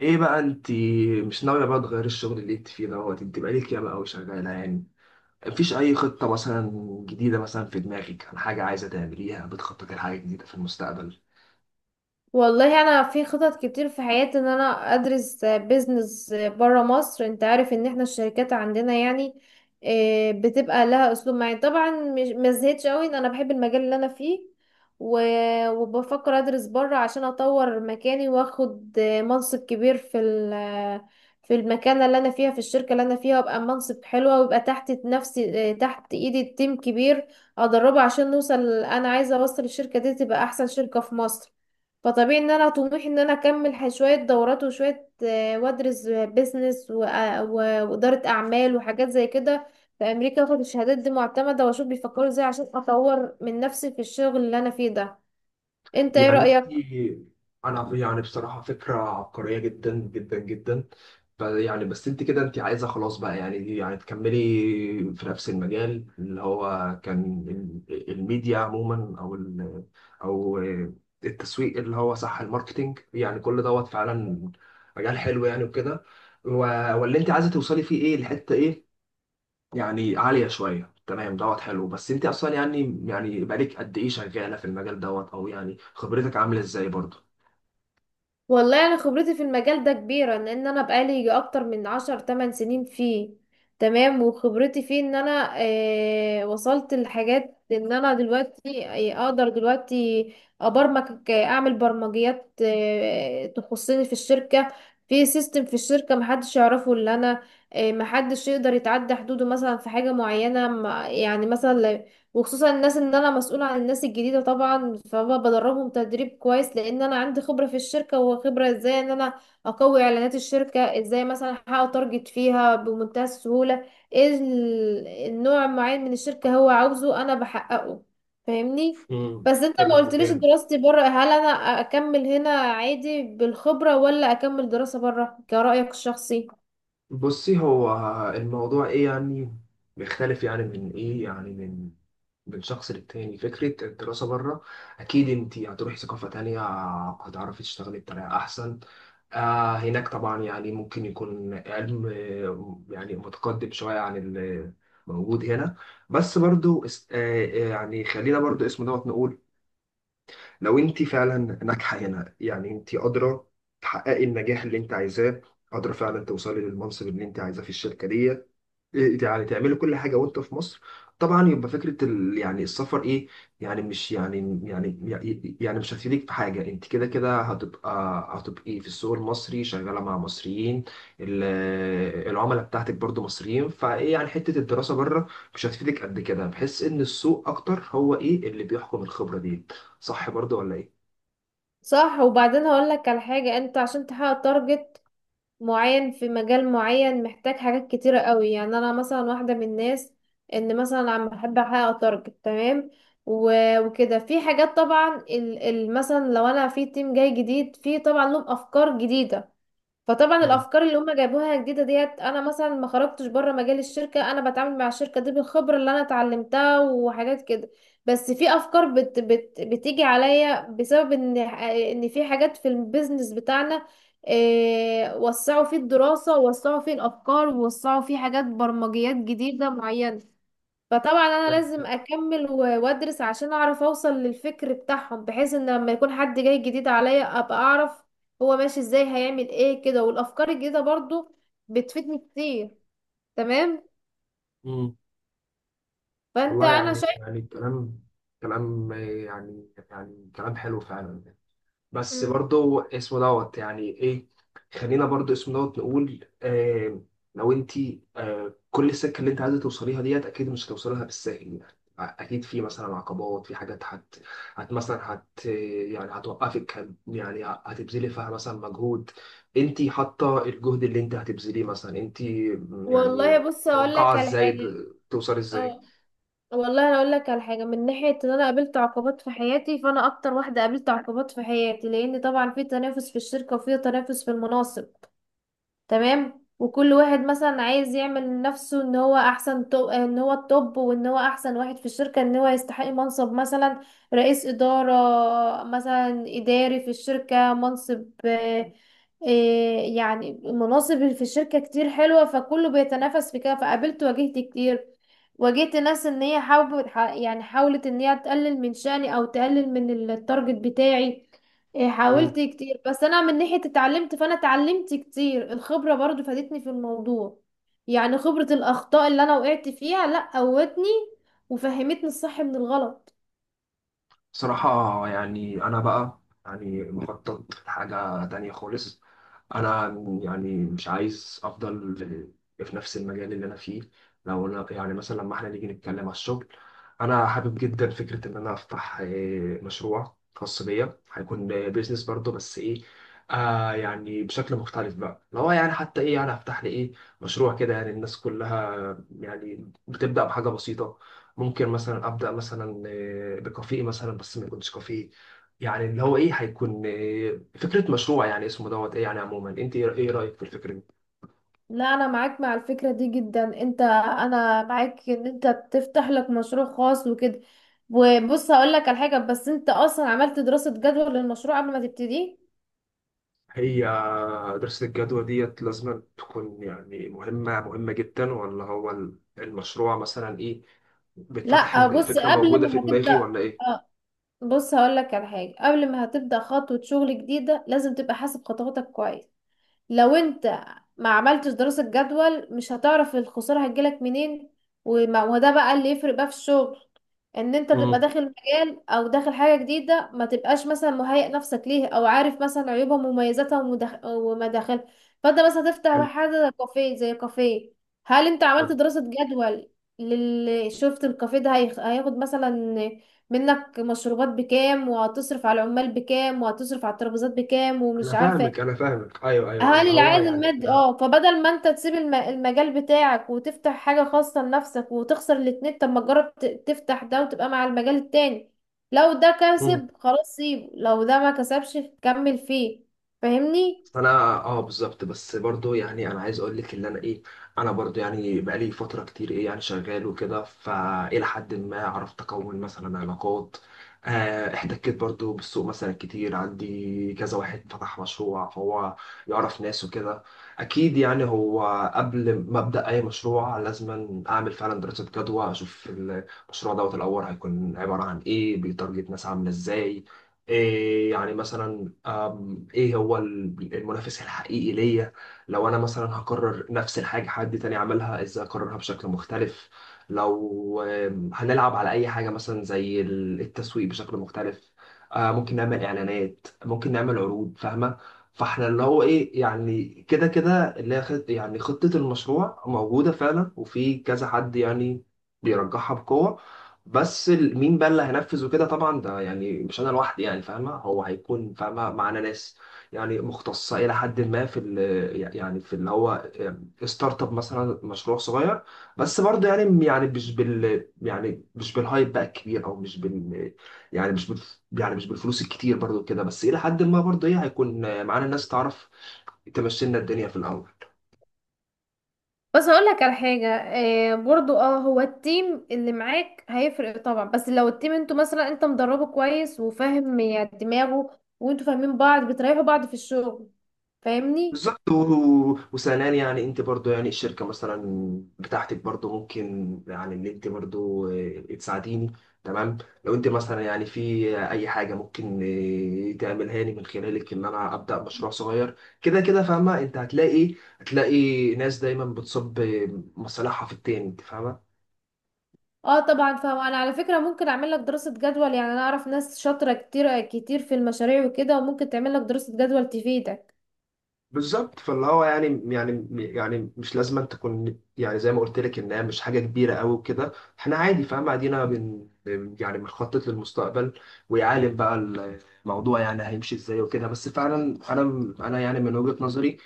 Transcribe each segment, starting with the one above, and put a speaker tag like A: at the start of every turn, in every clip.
A: ايه بقى انت؟ مش ناوية بقى تغيري الشغل اللي انت فيه دوت؟ انت بقالك ياما قوي شغالة يعني. مفيش أي خطة مثلا جديدة مثلا في دماغك، عن حاجة عايزة تعمليها؟ بتخططي لحاجة جديدة في المستقبل؟
B: والله انا في خطط كتير في حياتي ان انا ادرس بيزنس برا مصر. انت عارف ان احنا الشركات عندنا يعني بتبقى لها اسلوب معين. طبعا مش ما زهقتش قوي ان انا بحب المجال اللي انا فيه، وبفكر ادرس برا عشان اطور مكاني واخد منصب كبير في المكانه اللي انا فيها في الشركه اللي انا فيها، وابقى منصب حلوه ويبقى تحت نفسي، تحت ايدي تيم كبير ادربه عشان نوصل. انا عايزه اوصل الشركه دي تبقى احسن شركه في مصر. فطبيعي ان انا طموحي ان انا اكمل شوية دورات وشوية، وادرس بيزنس وادارة اعمال وحاجات زي كده في امريكا، واخد الشهادات دي معتمدة واشوف بيفكروا ازاي عشان اطور من نفسي في الشغل اللي انا فيه ده. انت ايه
A: يعني
B: رأيك؟
A: انت، انا يعني بصراحه فكره عبقريه جدا جدا جدا. يعني بس انت كده انت عايزه خلاص بقى يعني تكملي في نفس المجال اللي هو كان، الميديا عموما، او التسويق، اللي هو صح الماركتينج، يعني كل دوت فعلا مجال حلو يعني وكده. و- واللي انت عايزه توصلي فيه ايه، الحته ايه؟ يعني عالية شوية، تمام دوت حلو. بس انت اصلا يعني بقالك قد ايه شغالة في المجال دوت؟ او يعني خبرتك عاملة ازاي برضه؟
B: والله انا خبرتي في المجال ده كبيره لان انا بقالي يجي اكتر من 10 8 سنين فيه. تمام. وخبرتي فيه ان انا آه وصلت لحاجات، ان انا دلوقتي اقدر دلوقتي ابرمج، اعمل برمجيات تخصني في الشركه، في سيستم في الشركه محدش يعرفه الا انا. محدش يقدر يتعدى حدوده مثلا في حاجه معينه، يعني مثلا، وخصوصا الناس، ان انا مسؤولة عن الناس الجديدة. طبعا فبدربهم تدريب كويس لان انا عندي خبرة في الشركة، وخبرة ازاي ان انا اقوي اعلانات الشركة، ازاي مثلا احقق تارجت فيها بمنتهى السهولة. ايه النوع معين من الشركة هو عاوزه انا بحققه. فاهمني؟
A: امم
B: بس انت ما
A: حلو
B: قلتليش
A: جامد.
B: دراستي بره، هل انا اكمل هنا عادي بالخبرة ولا اكمل دراسة بره كرأيك الشخصي؟
A: بصي، هو الموضوع ايه؟ يعني بيختلف يعني من ايه، يعني من شخص للتاني. فكرة الدراسة بره، أكيد أنت هتروحي ثقافة تانية، هتعرفي تشتغلي بطريقة أحسن. هناك طبعا يعني ممكن يكون علم يعني متقدم شوية عن اللي موجود هنا. بس برضو يعني خلينا برضو اسمه دوت نقول، لو انت فعلا ناجحه هنا، يعني انت قادره تحققي النجاح اللي انت عايزاه، قادره فعلا توصلي للمنصب اللي انت عايزاه في الشركه دي، يعني تعملي كل حاجه وانت في مصر، طبعا يبقى فكره يعني السفر، ايه يعني مش يعني مش هتفيدك في حاجه. انت كده كده هتبقي في السوق المصري شغاله مع مصريين، ال... العملاء بتاعتك برضو مصريين، فايه يعني حته الدراسه بره مش هتفيدك قد كده. بحس ان السوق اكتر هو ايه اللي بيحكم الخبره دي، صح برضو ولا ايه؟
B: صح. وبعدين هقول لك على حاجة. انت عشان تحقق تارجت معين في مجال معين محتاج حاجات كتيرة قوي. يعني انا مثلا واحدة من الناس ان مثلا عم بحب احقق تارجت. تمام. وكده في حاجات طبعا ال مثلا لو انا في تيم جاي جديد، في طبعا لهم افكار جديدة. فطبعا
A: مم.
B: الافكار اللي هم جايبوها جديده ديت، انا مثلا ما خرجتش بره مجال الشركه، انا بتعامل مع الشركه دي بالخبره اللي انا اتعلمتها وحاجات كده. بس في افكار بت بت بتيجي عليا بسبب ان في حاجات في البيزنس بتاعنا إيه، وسعوا فيه الدراسه، ووسعوا فيه الافكار، ووسعوا فيه حاجات برمجيات جديده معينه. فطبعا انا لازم
A: تمام.
B: اكمل وادرس عشان اعرف اوصل للفكر بتاعهم، بحيث ان لما يكون حد جاي جديد عليا ابقى اعرف هو ماشي ازاي، هيعمل ايه كده. والافكار الجديدة برضو بتفيدني كتير. تمام.
A: مم.
B: فانت
A: والله
B: انا
A: يعني
B: شايف.
A: يعني كلام يعني كلام حلو فعلا. بس
B: مم.
A: برضو اسمه دوت يعني ايه. خلينا برضو اسمه دوت نقول، لو انت، كل السكه اللي انت عايزه توصليها ديت، اكيد مش هتوصلها بالساهل. يعني اكيد في مثلا عقبات، في حاجات هت, هت مثلا هت يعني هتوقفك، يعني هتبذلي فيها مثلا مجهود. انت حاطه الجهد اللي انت هتبذليه مثلا، انت يعني
B: والله بص اقول
A: متوقعه
B: لك على
A: ازاي
B: حاجة.
A: توصلي ازاي؟
B: اه. والله انا اقول لك على حاجة من ناحية ان انا قابلت عقبات في حياتي. فانا اكتر واحدة قابلت عقبات في حياتي لان طبعا في تنافس في الشركة وفي تنافس في المناصب. تمام. وكل واحد مثلا عايز يعمل لنفسه ان هو احسن، ان هو التوب وان هو احسن واحد في الشركة، ان هو يستحق منصب مثلا رئيس إدارة، مثلا إداري في الشركة، منصب، يعني مناصب في الشركة كتير حلوة، فكله بيتنافس في كده. فقابلت، واجهت كتير. واجهت ناس ان هي حاول، يعني حاولت ان هي تقلل من شأني او تقلل من التارجت بتاعي. إيه، حاولت كتير. بس انا من ناحية اتعلمت، فانا اتعلمت كتير. الخبرة برضو فادتني في الموضوع. يعني خبرة الاخطاء اللي انا وقعت فيها لا قوتني وفهمتني الصح من الغلط.
A: بصراحة يعني أنا بقى يعني مخطط لحاجة تانية خالص. أنا يعني مش عايز أفضل في نفس المجال اللي أنا فيه. لو أنا يعني مثلا لما إحنا نيجي نتكلم على الشغل، أنا حابب جدا فكرة إن أنا أفتح مشروع خاص بيا، هيكون بيزنس برضه، بس إيه، يعني بشكل مختلف بقى. لو يعني حتى إيه، يعني هفتح لي إيه مشروع كده، يعني الناس كلها يعني بتبدأ بحاجة بسيطة. ممكن مثلا ابدا مثلا بكافيه مثلا، بس ما يكونش كافيه، يعني اللي هو ايه، هيكون فكره مشروع يعني اسمه دوت ايه. يعني عموما انت ايه، رايك في الفكره دي؟
B: لا، انا معاك مع الفكرة دي جدا. انت، انا معاك ان انت تفتح لك مشروع خاص وكده. وبص هقول لك على حاجة، بس انت اصلا عملت دراسة جدوى للمشروع قبل ما تبتديه؟
A: هي دراسه الجدوى ديت لازم تكون يعني مهمه مهمه جدا؟ ولا هو المشروع مثلا ايه، بيتفتح
B: لا
A: ان
B: بص،
A: الفكره
B: قبل
A: موجوده في
B: ما هتبدأ،
A: دماغي، ولا ايه؟
B: آه، بص هقولك على حاجة، قبل ما هتبدأ خطوة شغل جديدة لازم تبقى حاسب خطواتك كويس. لو انت ما عملتش دراسة جدول مش هتعرف الخسارة هتجيلك منين. وده بقى اللي يفرق بقى في الشغل، ان انت تبقى
A: امم
B: داخل مجال او داخل حاجة جديدة، ما تبقاش مثلا مهيئ نفسك ليه، او عارف مثلا عيوبها ومميزاتها ومداخلها. فانت مثلا هتفتح
A: حلو
B: حاجة زي كافيه، زي كافيه. هل انت عملت
A: حلو.
B: دراسة جدول للي شفت الكافيه ده هياخد مثلا منك مشروبات بكام، وهتصرف على العمال بكام، وهتصرف على الترابيزات بكام،
A: انا
B: ومش عارفة
A: فاهمك، انا فاهمك، ايوه، ايوه،
B: هل
A: اللي هو
B: العائد
A: يعني
B: المادي
A: احنا.
B: اه؟ فبدل ما انت تسيب المجال بتاعك وتفتح حاجة خاصة لنفسك وتخسر الاتنين، طب ما تجرب تفتح ده وتبقى مع المجال التاني. لو ده
A: مم.
B: كسب خلاص سيبه، لو ده ما كسبش كمل فيه. فاهمني؟
A: فانا اه بالظبط. بس برضو يعني انا عايز اقول لك ان انا ايه، انا برضو يعني بقالي فتره كتير، ايه يعني شغال وكده، فالى حد ما عرفت اكون مثلا علاقات. احتكيت برضو بالسوق مثلا كتير. عندي كذا واحد فتح مشروع فهو يعرف ناس وكده. اكيد يعني هو قبل ما ابدا اي مشروع لازم اعمل فعلا دراسه جدوى، اشوف المشروع دوت الاول هيكون عباره عن ايه، بيتارجت ناس عامله ازاي، إيه يعني مثلا، ايه هو المنافس الحقيقي ليا. لو انا مثلا هكرر نفس الحاجة، حد تاني عملها ازاي اكررها بشكل مختلف. لو هنلعب على اي حاجة مثلا زي التسويق بشكل مختلف، ممكن نعمل اعلانات، ممكن نعمل عروض، فاهمة؟ فاحنا اللي هو ايه، يعني كده كده اللي هي يعني خطة المشروع موجودة فعلا، وفي كذا حد يعني بيرجحها بقوة. بس مين بقى اللي هينفذ وكده، طبعا ده يعني مش انا لوحدي، يعني فاهمه، هو هيكون فاهمه معانا ناس، يعني مختصه الى حد ما في ال يعني في اللي هو ستارت اب، مثلا مشروع صغير. بس برضه يعني مش بالهايب بقى الكبير، او يعني مش بال مش بالفلوس الكتير برضه كده. بس الى حد ما برضه ايه، هيكون معانا ناس تعرف تمشي لنا الدنيا في الاول.
B: بس هقول لك على حاجة، برضو اه. هو التيم اللي معاك هيفرق طبعا، بس لو التيم انتوا مثلا انت مدربه كويس وفاهم يعني دماغه وانتوا فاهمين بعض بتريحوا بعض في الشغل. فاهمني؟
A: بالظبط. و- و- وثانيا يعني انت برضو، يعني الشركه مثلا بتاعتك برضو ممكن، يعني ان انت برضو تساعديني. تمام. لو انت مثلا يعني في اي حاجه ممكن اه، تعملها لي من خلالك، ان انا ابدا مشروع صغير، كده كده فاهمه. انت هتلاقي، ناس دايما بتصب مصالحها في التاني، انت فاهمه.
B: اه طبعا فاهمة. انا على فكرة ممكن اعمل لك دراسة جدول. يعني انا اعرف ناس شاطرة كتير كتير في المشاريع وكده، وممكن تعمل لك دراسة جدول تفيدك.
A: بالظبط. فاللي هو يعني مش لازم أن تكون، يعني زي ما قلت لك انها مش حاجه كبيره قوي وكده. احنا عادي فاهم قاعدين، يعني بنخطط للمستقبل، ويعالج بقى الموضوع، يعني هيمشي ازاي وكده. بس فعلا انا يعني من وجهه نظري،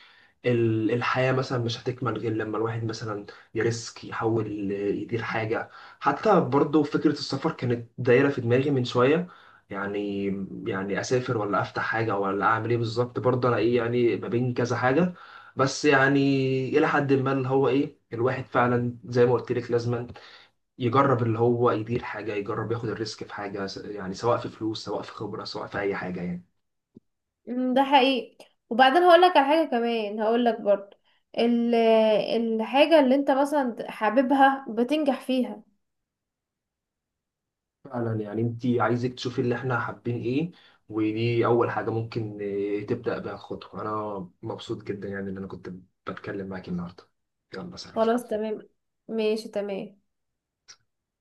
A: الحياه مثلا مش هتكمل غير لما الواحد مثلا يريسك، يحاول يدير حاجه. حتى برضو فكره السفر كانت دايره في دماغي من شويه، يعني يعني اسافر ولا افتح حاجه ولا اعمل ايه بالظبط برضه، انا ايه يعني، ما بين كذا حاجه. بس يعني الى حد ما اللي هو ايه، الواحد فعلا زي ما قلت لك لازم يجرب، اللي هو يدير حاجه، يجرب ياخد الريسك في حاجه، يعني سواء في فلوس، سواء في خبره، سواء في اي حاجه يعني.
B: ده حقيقي. وبعدين هقول لك على حاجة كمان، هقول لك برضو ال- الحاجة اللي انت مثلا حاببها بتنجح فيها.
A: فعلا يعني انت عايزك تشوفي اللي احنا حابين ايه، ودي اول حاجه ممكن تبدا بها خطوه. انا مبسوط جدا يعني ان انا كنت بتكلم معاك النهارده. يلا، سلام.
B: خلاص تمام. ماشي تمام.